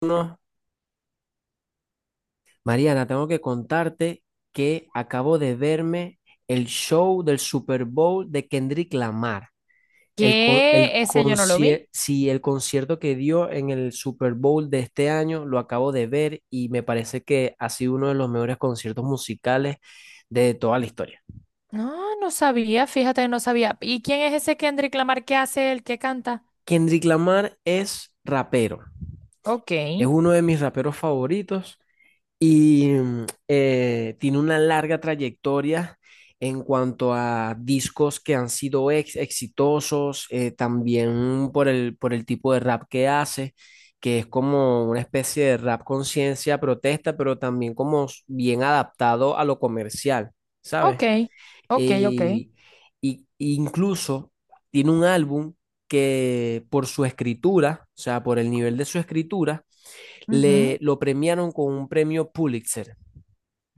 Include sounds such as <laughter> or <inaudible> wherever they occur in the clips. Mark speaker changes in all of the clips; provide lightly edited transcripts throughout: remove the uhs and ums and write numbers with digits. Speaker 1: No, Mariana, tengo que contarte que acabo de verme el show del Super Bowl de Kendrick Lamar.
Speaker 2: ¿Qué? Ese yo no lo vi.
Speaker 1: El concierto que dio en el Super Bowl de este año lo acabo de ver y me parece que ha sido uno de los mejores conciertos musicales de toda la historia.
Speaker 2: No, no sabía, fíjate, no sabía. ¿Y quién es ese Kendrick Lamar? ¿Qué hace el que canta?
Speaker 1: Kendrick Lamar es rapero,
Speaker 2: Ok,
Speaker 1: es uno de mis raperos favoritos y tiene una larga trayectoria en cuanto a discos que han sido exitosos, también por por el tipo de rap que hace, que es como una especie de rap conciencia, protesta, pero también como bien adaptado a lo comercial, ¿sabes?
Speaker 2: ok, ok, ok.
Speaker 1: Y y incluso tiene un álbum que por su escritura, o sea, por el nivel de su escritura, le
Speaker 2: Ujú.
Speaker 1: lo premiaron con un premio Pulitzer.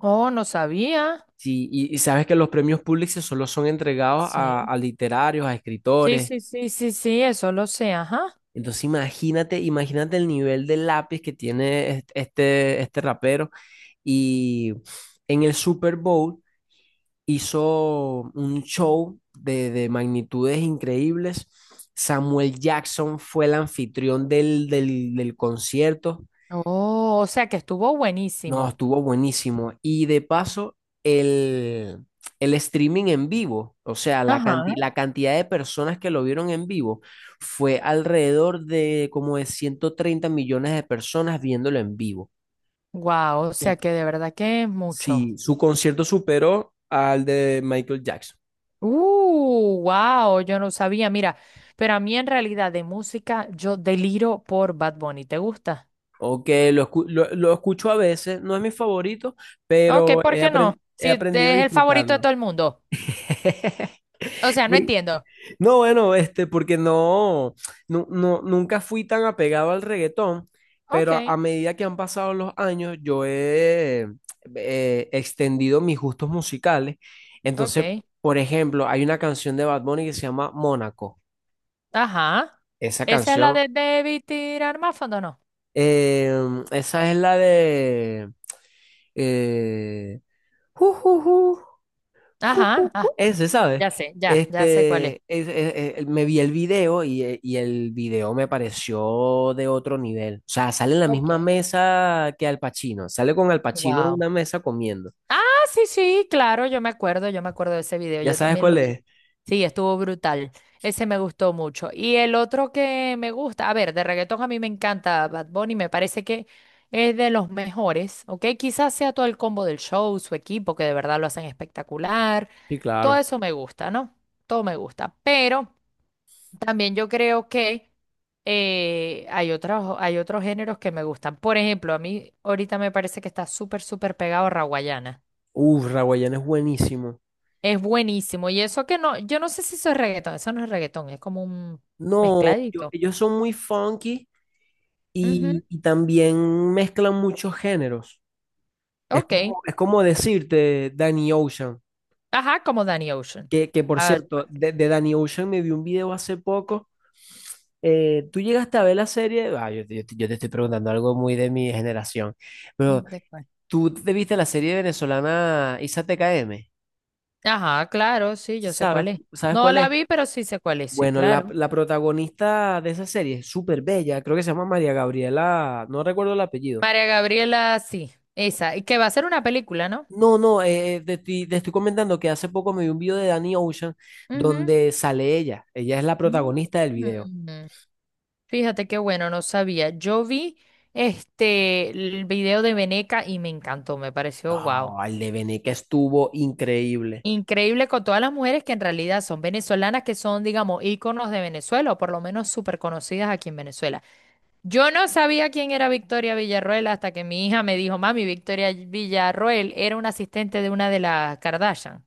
Speaker 2: Oh, no sabía.
Speaker 1: Sí, y sabes que los premios Pulitzer solo son entregados
Speaker 2: Sí,
Speaker 1: a literarios, a
Speaker 2: sí,
Speaker 1: escritores.
Speaker 2: sí, sí, sí, sí, eso lo sé, ajá.
Speaker 1: Entonces imagínate, imagínate el nivel de lápiz que tiene este rapero. Y en el Super Bowl hizo un show de magnitudes increíbles. Samuel Jackson fue el anfitrión del concierto.
Speaker 2: Oh, o sea que estuvo
Speaker 1: No,
Speaker 2: buenísimo.
Speaker 1: estuvo buenísimo. Y de paso, el, el streaming en vivo, o sea,
Speaker 2: Ajá.
Speaker 1: la cantidad de personas que lo vieron en vivo fue alrededor de como de 130 millones de personas viéndolo en vivo.
Speaker 2: Wow, o
Speaker 1: Tú-
Speaker 2: sea que de verdad que es mucho.
Speaker 1: Sí, su concierto superó al de Michael Jackson.
Speaker 2: Wow, yo no sabía, mira, pero a mí en realidad de música yo deliro por Bad Bunny, ¿te gusta?
Speaker 1: Ok, lo escucho a veces, no es mi favorito,
Speaker 2: Ok,
Speaker 1: pero
Speaker 2: ¿por qué no?
Speaker 1: he
Speaker 2: Si
Speaker 1: aprendido a
Speaker 2: te- Es el favorito de
Speaker 1: disfrutarlo.
Speaker 2: todo el mundo.
Speaker 1: <laughs>
Speaker 2: O sea, no
Speaker 1: Por-
Speaker 2: entiendo.
Speaker 1: No, bueno, porque no, no, nunca fui tan apegado al reggaetón,
Speaker 2: Ok,
Speaker 1: pero a medida que han pasado los años, yo he extendido mis gustos musicales. Entonces,
Speaker 2: ok.
Speaker 1: por ejemplo, hay una canción de Bad Bunny que se llama Mónaco.
Speaker 2: Ajá.
Speaker 1: Esa
Speaker 2: Esa es la
Speaker 1: canción,
Speaker 2: de debí tirar más fondo, ¿no?
Speaker 1: eh, esa es la de... Eh, ju, ju, ju, <laughs>
Speaker 2: Ajá. Ah,
Speaker 1: Ese, ¿sabes?
Speaker 2: ya sé, ya sé cuál es.
Speaker 1: Me vi el video y el video me pareció de otro nivel. O sea, sale en la
Speaker 2: Ok.
Speaker 1: misma mesa que Al Pacino. Sale con Al Pacino en
Speaker 2: Wow.
Speaker 1: una mesa comiendo.
Speaker 2: Ah, sí, sí, claro, yo me acuerdo de ese video,
Speaker 1: ¿Ya
Speaker 2: yo
Speaker 1: sabes
Speaker 2: también
Speaker 1: cuál
Speaker 2: lo vi.
Speaker 1: es?
Speaker 2: Sí, estuvo brutal. Ese me gustó mucho. Y el otro que me gusta, a ver, de reggaetón a mí me encanta Bad Bunny, me parece que es de los mejores, ¿ok? Quizás sea todo el combo del show, su equipo, que de verdad lo hacen espectacular.
Speaker 1: Sí,
Speaker 2: Todo
Speaker 1: claro.
Speaker 2: eso me gusta, ¿no? Todo me gusta. Pero también yo creo que hay otros géneros que me gustan. Por ejemplo, a mí ahorita me parece que está súper, súper pegado a
Speaker 1: Uf, Raguayana es buenísimo.
Speaker 2: es buenísimo. Y eso que no, yo no sé si eso es reggaetón, eso no es reggaetón, es como un
Speaker 1: No, yo-
Speaker 2: mezcladito.
Speaker 1: ellos son muy funky
Speaker 2: Ujú,
Speaker 1: y también mezclan muchos géneros.
Speaker 2: ok.
Speaker 1: Es como decirte Danny Ocean,
Speaker 2: Ajá, como Danny Ocean.
Speaker 1: que por
Speaker 2: Ah,
Speaker 1: cierto,
Speaker 2: pues sí.
Speaker 1: de Danny Ocean me vi un video hace poco. Tú llegaste a ver la serie, ah, yo te estoy preguntando algo muy de mi generación, pero
Speaker 2: ¿De cuál?
Speaker 1: tú te viste la serie venezolana Isa TKM,
Speaker 2: Ajá, claro, sí, yo sé
Speaker 1: ¿sabes,
Speaker 2: cuál es.
Speaker 1: ¿sabes
Speaker 2: No
Speaker 1: cuál
Speaker 2: la
Speaker 1: es?
Speaker 2: vi, pero sí sé cuál es, sí,
Speaker 1: Bueno,
Speaker 2: claro.
Speaker 1: la protagonista de esa serie es súper bella, creo que se llama María Gabriela, no recuerdo el apellido.
Speaker 2: María Gabriela, sí, esa. Y que va a ser una película, ¿no?
Speaker 1: No, no, te estoy comentando que hace poco me vi un video de Danny Ocean
Speaker 2: Ujú.
Speaker 1: donde sale ella, ella es la protagonista del video.
Speaker 2: Mm. Fíjate qué bueno, no sabía. Yo vi este el video de Veneca y me encantó, me pareció
Speaker 1: No,
Speaker 2: guau.
Speaker 1: el de Bené que estuvo increíble.
Speaker 2: Increíble con todas las mujeres que en realidad son venezolanas, que son, digamos, íconos de Venezuela o por lo menos súper conocidas aquí en Venezuela. Yo no sabía quién era Victoria Villarroel hasta que mi hija me dijo, mami, Victoria Villarroel era una asistente de una de las Kardashian.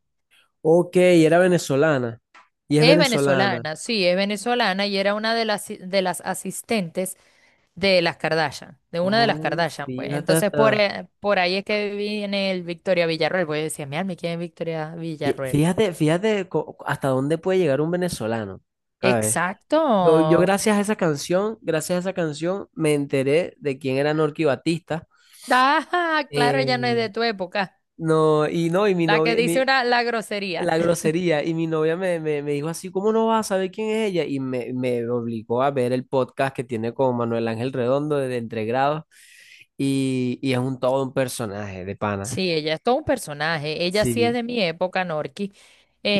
Speaker 1: Ok, era venezolana. Y es
Speaker 2: Es
Speaker 1: venezolana.
Speaker 2: venezolana, sí, es venezolana y era una de las, si, de las asistentes de las Kardashian, de una de las
Speaker 1: Oh,
Speaker 2: Kardashian, pues. Entonces, por ahí es que viene el Victoria Villarroel, pues yo decía, mi alma, ¿quién es Victoria Villarroel?
Speaker 1: fíjate hasta dónde puede llegar un venezolano. ¿Sabes?
Speaker 2: Exacto.
Speaker 1: Yo gracias a esa canción, gracias a esa canción, me enteré de quién era Norky Batista.
Speaker 2: Ah, claro, ella no es de
Speaker 1: Eh,
Speaker 2: tu época.
Speaker 1: no, y no, y mi
Speaker 2: La que
Speaker 1: novia,
Speaker 2: dice
Speaker 1: mi,
Speaker 2: una, la grosería.
Speaker 1: la
Speaker 2: <laughs>
Speaker 1: grosería, y mi novia me dijo así, ¿cómo no vas a saber quién es ella? Me obligó a ver el podcast que tiene con Manuel Ángel Redondo de Entre Grados, y es un todo un personaje de pana.
Speaker 2: Sí, ella es todo un personaje. Ella sí es
Speaker 1: Sí.
Speaker 2: de mi época, Norki.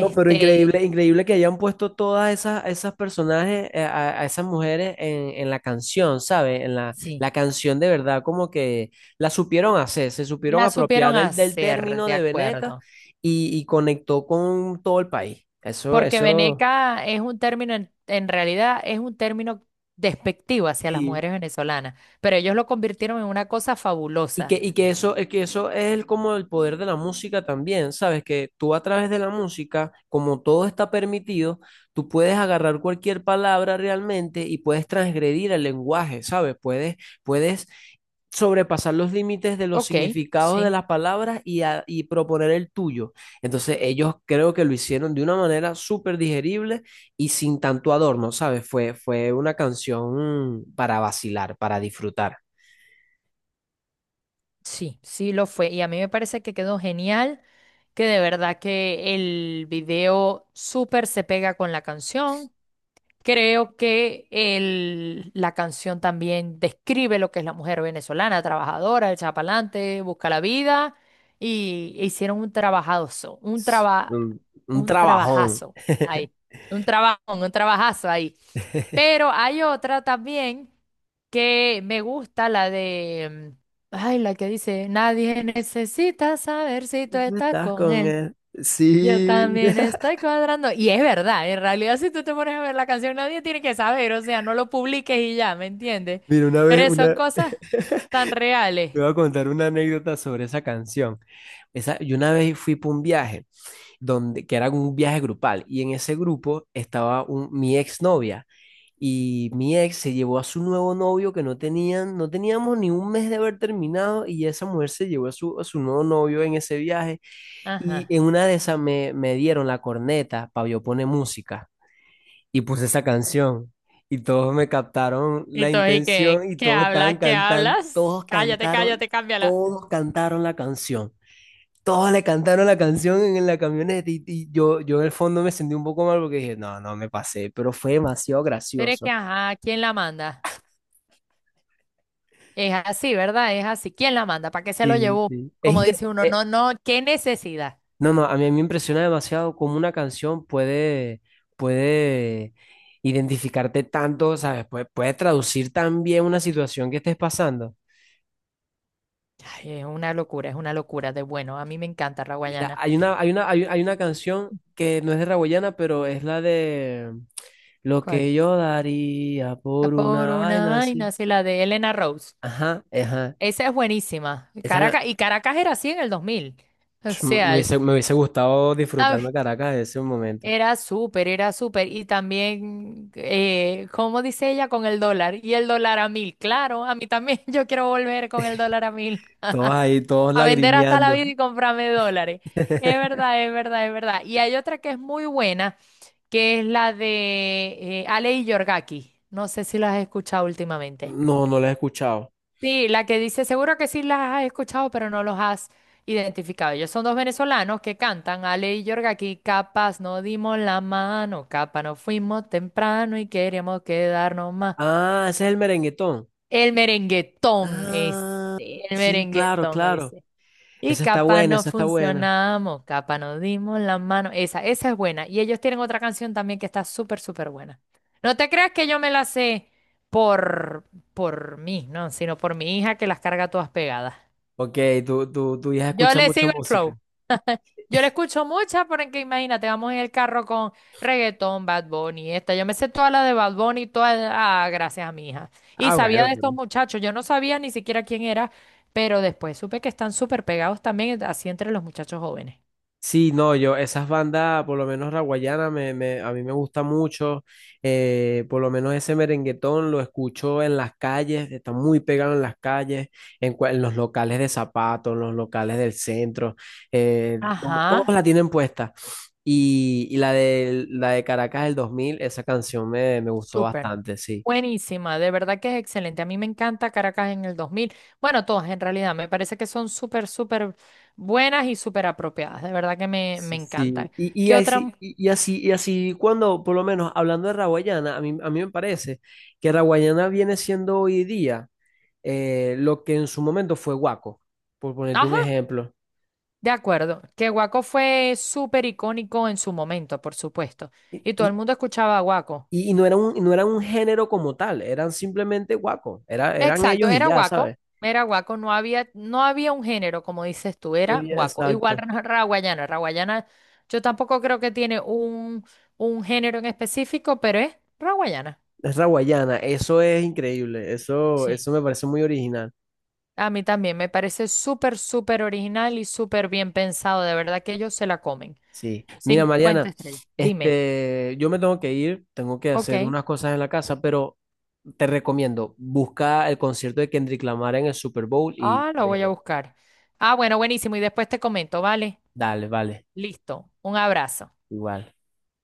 Speaker 1: No, pero increíble, increíble que hayan puesto todas esas, esas personajes, a esas mujeres en la canción, ¿sabes? En
Speaker 2: sí,
Speaker 1: la canción de verdad, como que la supieron hacer, se supieron
Speaker 2: la
Speaker 1: apropiar
Speaker 2: supieron
Speaker 1: del
Speaker 2: hacer,
Speaker 1: término
Speaker 2: de
Speaker 1: de Veneca
Speaker 2: acuerdo.
Speaker 1: y conectó con todo el país. Eso,
Speaker 2: Porque
Speaker 1: eso,
Speaker 2: veneca es un término, en realidad es un término despectivo hacia las
Speaker 1: sí.
Speaker 2: mujeres venezolanas, pero ellos lo convirtieron en una cosa fabulosa.
Speaker 1: Y que eso es el- como el poder de la música también, ¿sabes? Que tú a través de la música, como todo está permitido, tú puedes agarrar cualquier palabra realmente y puedes transgredir el lenguaje, ¿sabes? Puedes, puedes sobrepasar los límites de los
Speaker 2: Ok,
Speaker 1: significados de
Speaker 2: sí.
Speaker 1: las palabras y proponer el tuyo. Entonces ellos creo que lo hicieron de una manera súper digerible y sin tanto adorno, ¿sabes? Fue, fue una canción para vacilar, para disfrutar.
Speaker 2: Sí, sí lo fue. Y a mí me parece que quedó genial, que de verdad que el video súper se pega con la canción. Creo que la canción también describe lo que es la mujer venezolana, trabajadora, el chapalante, busca la vida. Y hicieron un trabajazo,
Speaker 1: Es Un
Speaker 2: un
Speaker 1: trabajón.
Speaker 2: trabajazo
Speaker 1: <laughs>
Speaker 2: ahí. Un trabajo, un trabajazo ahí. Pero hay otra también que me gusta, la de, ay, la que dice, nadie necesita saber si tú
Speaker 1: Y tú
Speaker 2: estás
Speaker 1: estás
Speaker 2: con
Speaker 1: con
Speaker 2: él.
Speaker 1: él.
Speaker 2: Yo
Speaker 1: Sí.
Speaker 2: también
Speaker 1: <laughs>
Speaker 2: estoy cuadrando. Y es verdad, en realidad si tú te pones a ver la canción, nadie tiene que saber, o sea, no lo publiques y ya, ¿me entiendes?
Speaker 1: Mira, una vez,
Speaker 2: Pero son
Speaker 1: una, <laughs>
Speaker 2: cosas tan reales.
Speaker 1: te voy a contar una anécdota sobre esa canción. Esa, yo una vez fui para un viaje, donde, que era un viaje grupal, y en ese grupo estaba un, mi exnovia, y mi ex se llevó a su nuevo novio que no tenían, no teníamos ni un mes de haber terminado, y esa mujer se llevó a su nuevo novio en ese viaje, y en
Speaker 2: Ajá.
Speaker 1: una de esas me dieron la corneta para yo poner música. Y puse esa canción y todos me captaron
Speaker 2: Y
Speaker 1: la
Speaker 2: tú, ¿y qué?
Speaker 1: intención y
Speaker 2: ¿Qué
Speaker 1: todos estaban
Speaker 2: hablas? ¿Qué
Speaker 1: cantando,
Speaker 2: hablas? Cállate, cállate, cámbiala.
Speaker 1: todos cantaron la canción. Todos le cantaron la canción en la camioneta y yo en el fondo me sentí un poco mal porque dije, no, no, me pasé, pero fue demasiado
Speaker 2: Pero es que,
Speaker 1: gracioso.
Speaker 2: ajá, ¿quién la manda? Es así, ¿verdad? Es así. ¿Quién la manda? ¿Para qué se lo
Speaker 1: Sí,
Speaker 2: llevó?
Speaker 1: sí.
Speaker 2: Como dice uno, no, no, qué necesidad.
Speaker 1: No, no, a mí me impresiona demasiado cómo una canción puede, puede identificarte tanto, ¿sabes? Puede, puede traducir tan bien una situación que estés pasando.
Speaker 2: Ay, es una locura de bueno. A mí me encanta
Speaker 1: Mira,
Speaker 2: Raguayana.
Speaker 1: hay una canción que no es de Raboyana, pero es la de Lo
Speaker 2: ¿Cuál?
Speaker 1: que yo daría
Speaker 2: La
Speaker 1: por
Speaker 2: Por
Speaker 1: una
Speaker 2: una
Speaker 1: vaina así.
Speaker 2: vaina, sí, la de Elena Rose.
Speaker 1: Ajá, ajá.
Speaker 2: Esa es buenísima.
Speaker 1: Esa,
Speaker 2: Caracas, y Caracas era así en el 2000. O
Speaker 1: pf,
Speaker 2: sea,
Speaker 1: me hubiese gustado
Speaker 2: ay,
Speaker 1: disfrutarme Caracas en ese momento.
Speaker 2: era súper, era súper. Y también, ¿cómo dice ella? Con el dólar. Y el dólar a mil. Claro, a mí también <laughs> yo quiero volver con el dólar a mil.
Speaker 1: Todos ahí, todos
Speaker 2: A vender hasta la
Speaker 1: lagrimeando.
Speaker 2: vida y comprarme dólares. Es
Speaker 1: <laughs>
Speaker 2: verdad, es verdad, es verdad. Y hay otra que es muy buena, que es la de Ale y Yorgaki. No sé si las has escuchado últimamente.
Speaker 1: No, no la he escuchado.
Speaker 2: Sí, la que dice, seguro que sí las has escuchado, pero no los has identificado. Ellos son dos venezolanos que cantan, Ale y Yorgaki, capaz no dimos la mano, capaz no fuimos temprano y queríamos quedarnos más.
Speaker 1: Ah, ese es el merenguetón.
Speaker 2: El merenguetón es,
Speaker 1: Ah,
Speaker 2: el
Speaker 1: sí, claro,
Speaker 2: merenguetón
Speaker 1: claro.
Speaker 2: es. Y
Speaker 1: Esa está
Speaker 2: capa
Speaker 1: buena,
Speaker 2: no
Speaker 1: esa está buena.
Speaker 2: funcionamos, capa no dimos la mano. Esa es buena. Y ellos tienen otra canción también que está súper, súper buena. No te creas que yo me la sé por, por mí, no, sino por mi hija que las carga todas pegadas.
Speaker 1: Ok, tú ya
Speaker 2: Yo
Speaker 1: escuchas
Speaker 2: le
Speaker 1: mucha
Speaker 2: sigo el flow.
Speaker 1: música.
Speaker 2: Yo le escucho muchas porque imagínate, vamos en el carro con reggaetón, Bad Bunny, esta. Yo me sé toda la de Bad Bunny, toda, ah, gracias a mi hija. Y
Speaker 1: Ah,
Speaker 2: sabía
Speaker 1: bueno,
Speaker 2: de estos muchachos, yo no sabía ni siquiera quién era, pero después supe que están súper pegados también así entre los muchachos jóvenes.
Speaker 1: sí, no, yo, esas bandas, por lo menos la guayana, a mí me gusta mucho, por lo menos ese merenguetón lo escucho en las calles, está muy pegado en las calles, en los locales de zapatos, en los locales del centro, todos
Speaker 2: Ajá,
Speaker 1: la tienen puesta. Y, la de Caracas del 2000, esa canción me gustó
Speaker 2: súper.
Speaker 1: bastante, sí.
Speaker 2: Buenísima, de verdad que es excelente. A mí me encanta Caracas en el 2000. Bueno, todas en realidad, me parece que son súper, súper buenas y súper apropiadas. De verdad que me
Speaker 1: Sí, sí.
Speaker 2: encantan. ¿Qué otra? Mu-
Speaker 1: Y así cuando, por lo menos hablando de raguayana, a mí me parece que raguayana viene siendo hoy día lo que en su momento fue guaco, por ponerte
Speaker 2: Ajá,
Speaker 1: un ejemplo.
Speaker 2: de acuerdo. Que Guaco fue súper icónico en su momento, por supuesto.
Speaker 1: Y,
Speaker 2: Y todo el
Speaker 1: y-
Speaker 2: mundo escuchaba a Guaco.
Speaker 1: y no era un, no era un género como tal, eran simplemente guaco, era, eran
Speaker 2: Exacto,
Speaker 1: ellos y ya, ¿sabes?
Speaker 2: era guaco, no había, no había un género, como dices tú, era
Speaker 1: Muy
Speaker 2: guaco. Igual
Speaker 1: exacto.
Speaker 2: raguayana, raguayana, yo tampoco creo que tiene un género en específico, pero es raguayana.
Speaker 1: Es la guayana, eso es increíble, eso,
Speaker 2: Sí.
Speaker 1: eso me parece muy original.
Speaker 2: A mí también me parece súper, súper original y súper bien pensado, de verdad que ellos se la comen.
Speaker 1: Sí. Mira,
Speaker 2: 50
Speaker 1: Mariana,
Speaker 2: estrellas. Dime.
Speaker 1: este, yo me tengo que ir, tengo que hacer
Speaker 2: Ok.
Speaker 1: unas cosas en la casa, pero te recomiendo, busca el concierto de Kendrick Lamar en el Super Bowl y
Speaker 2: Ah, lo voy a
Speaker 1: velo.
Speaker 2: buscar. Ah, bueno, buenísimo. Y después te comento, ¿vale?
Speaker 1: Dale, vale,
Speaker 2: Listo. Un abrazo.
Speaker 1: igual.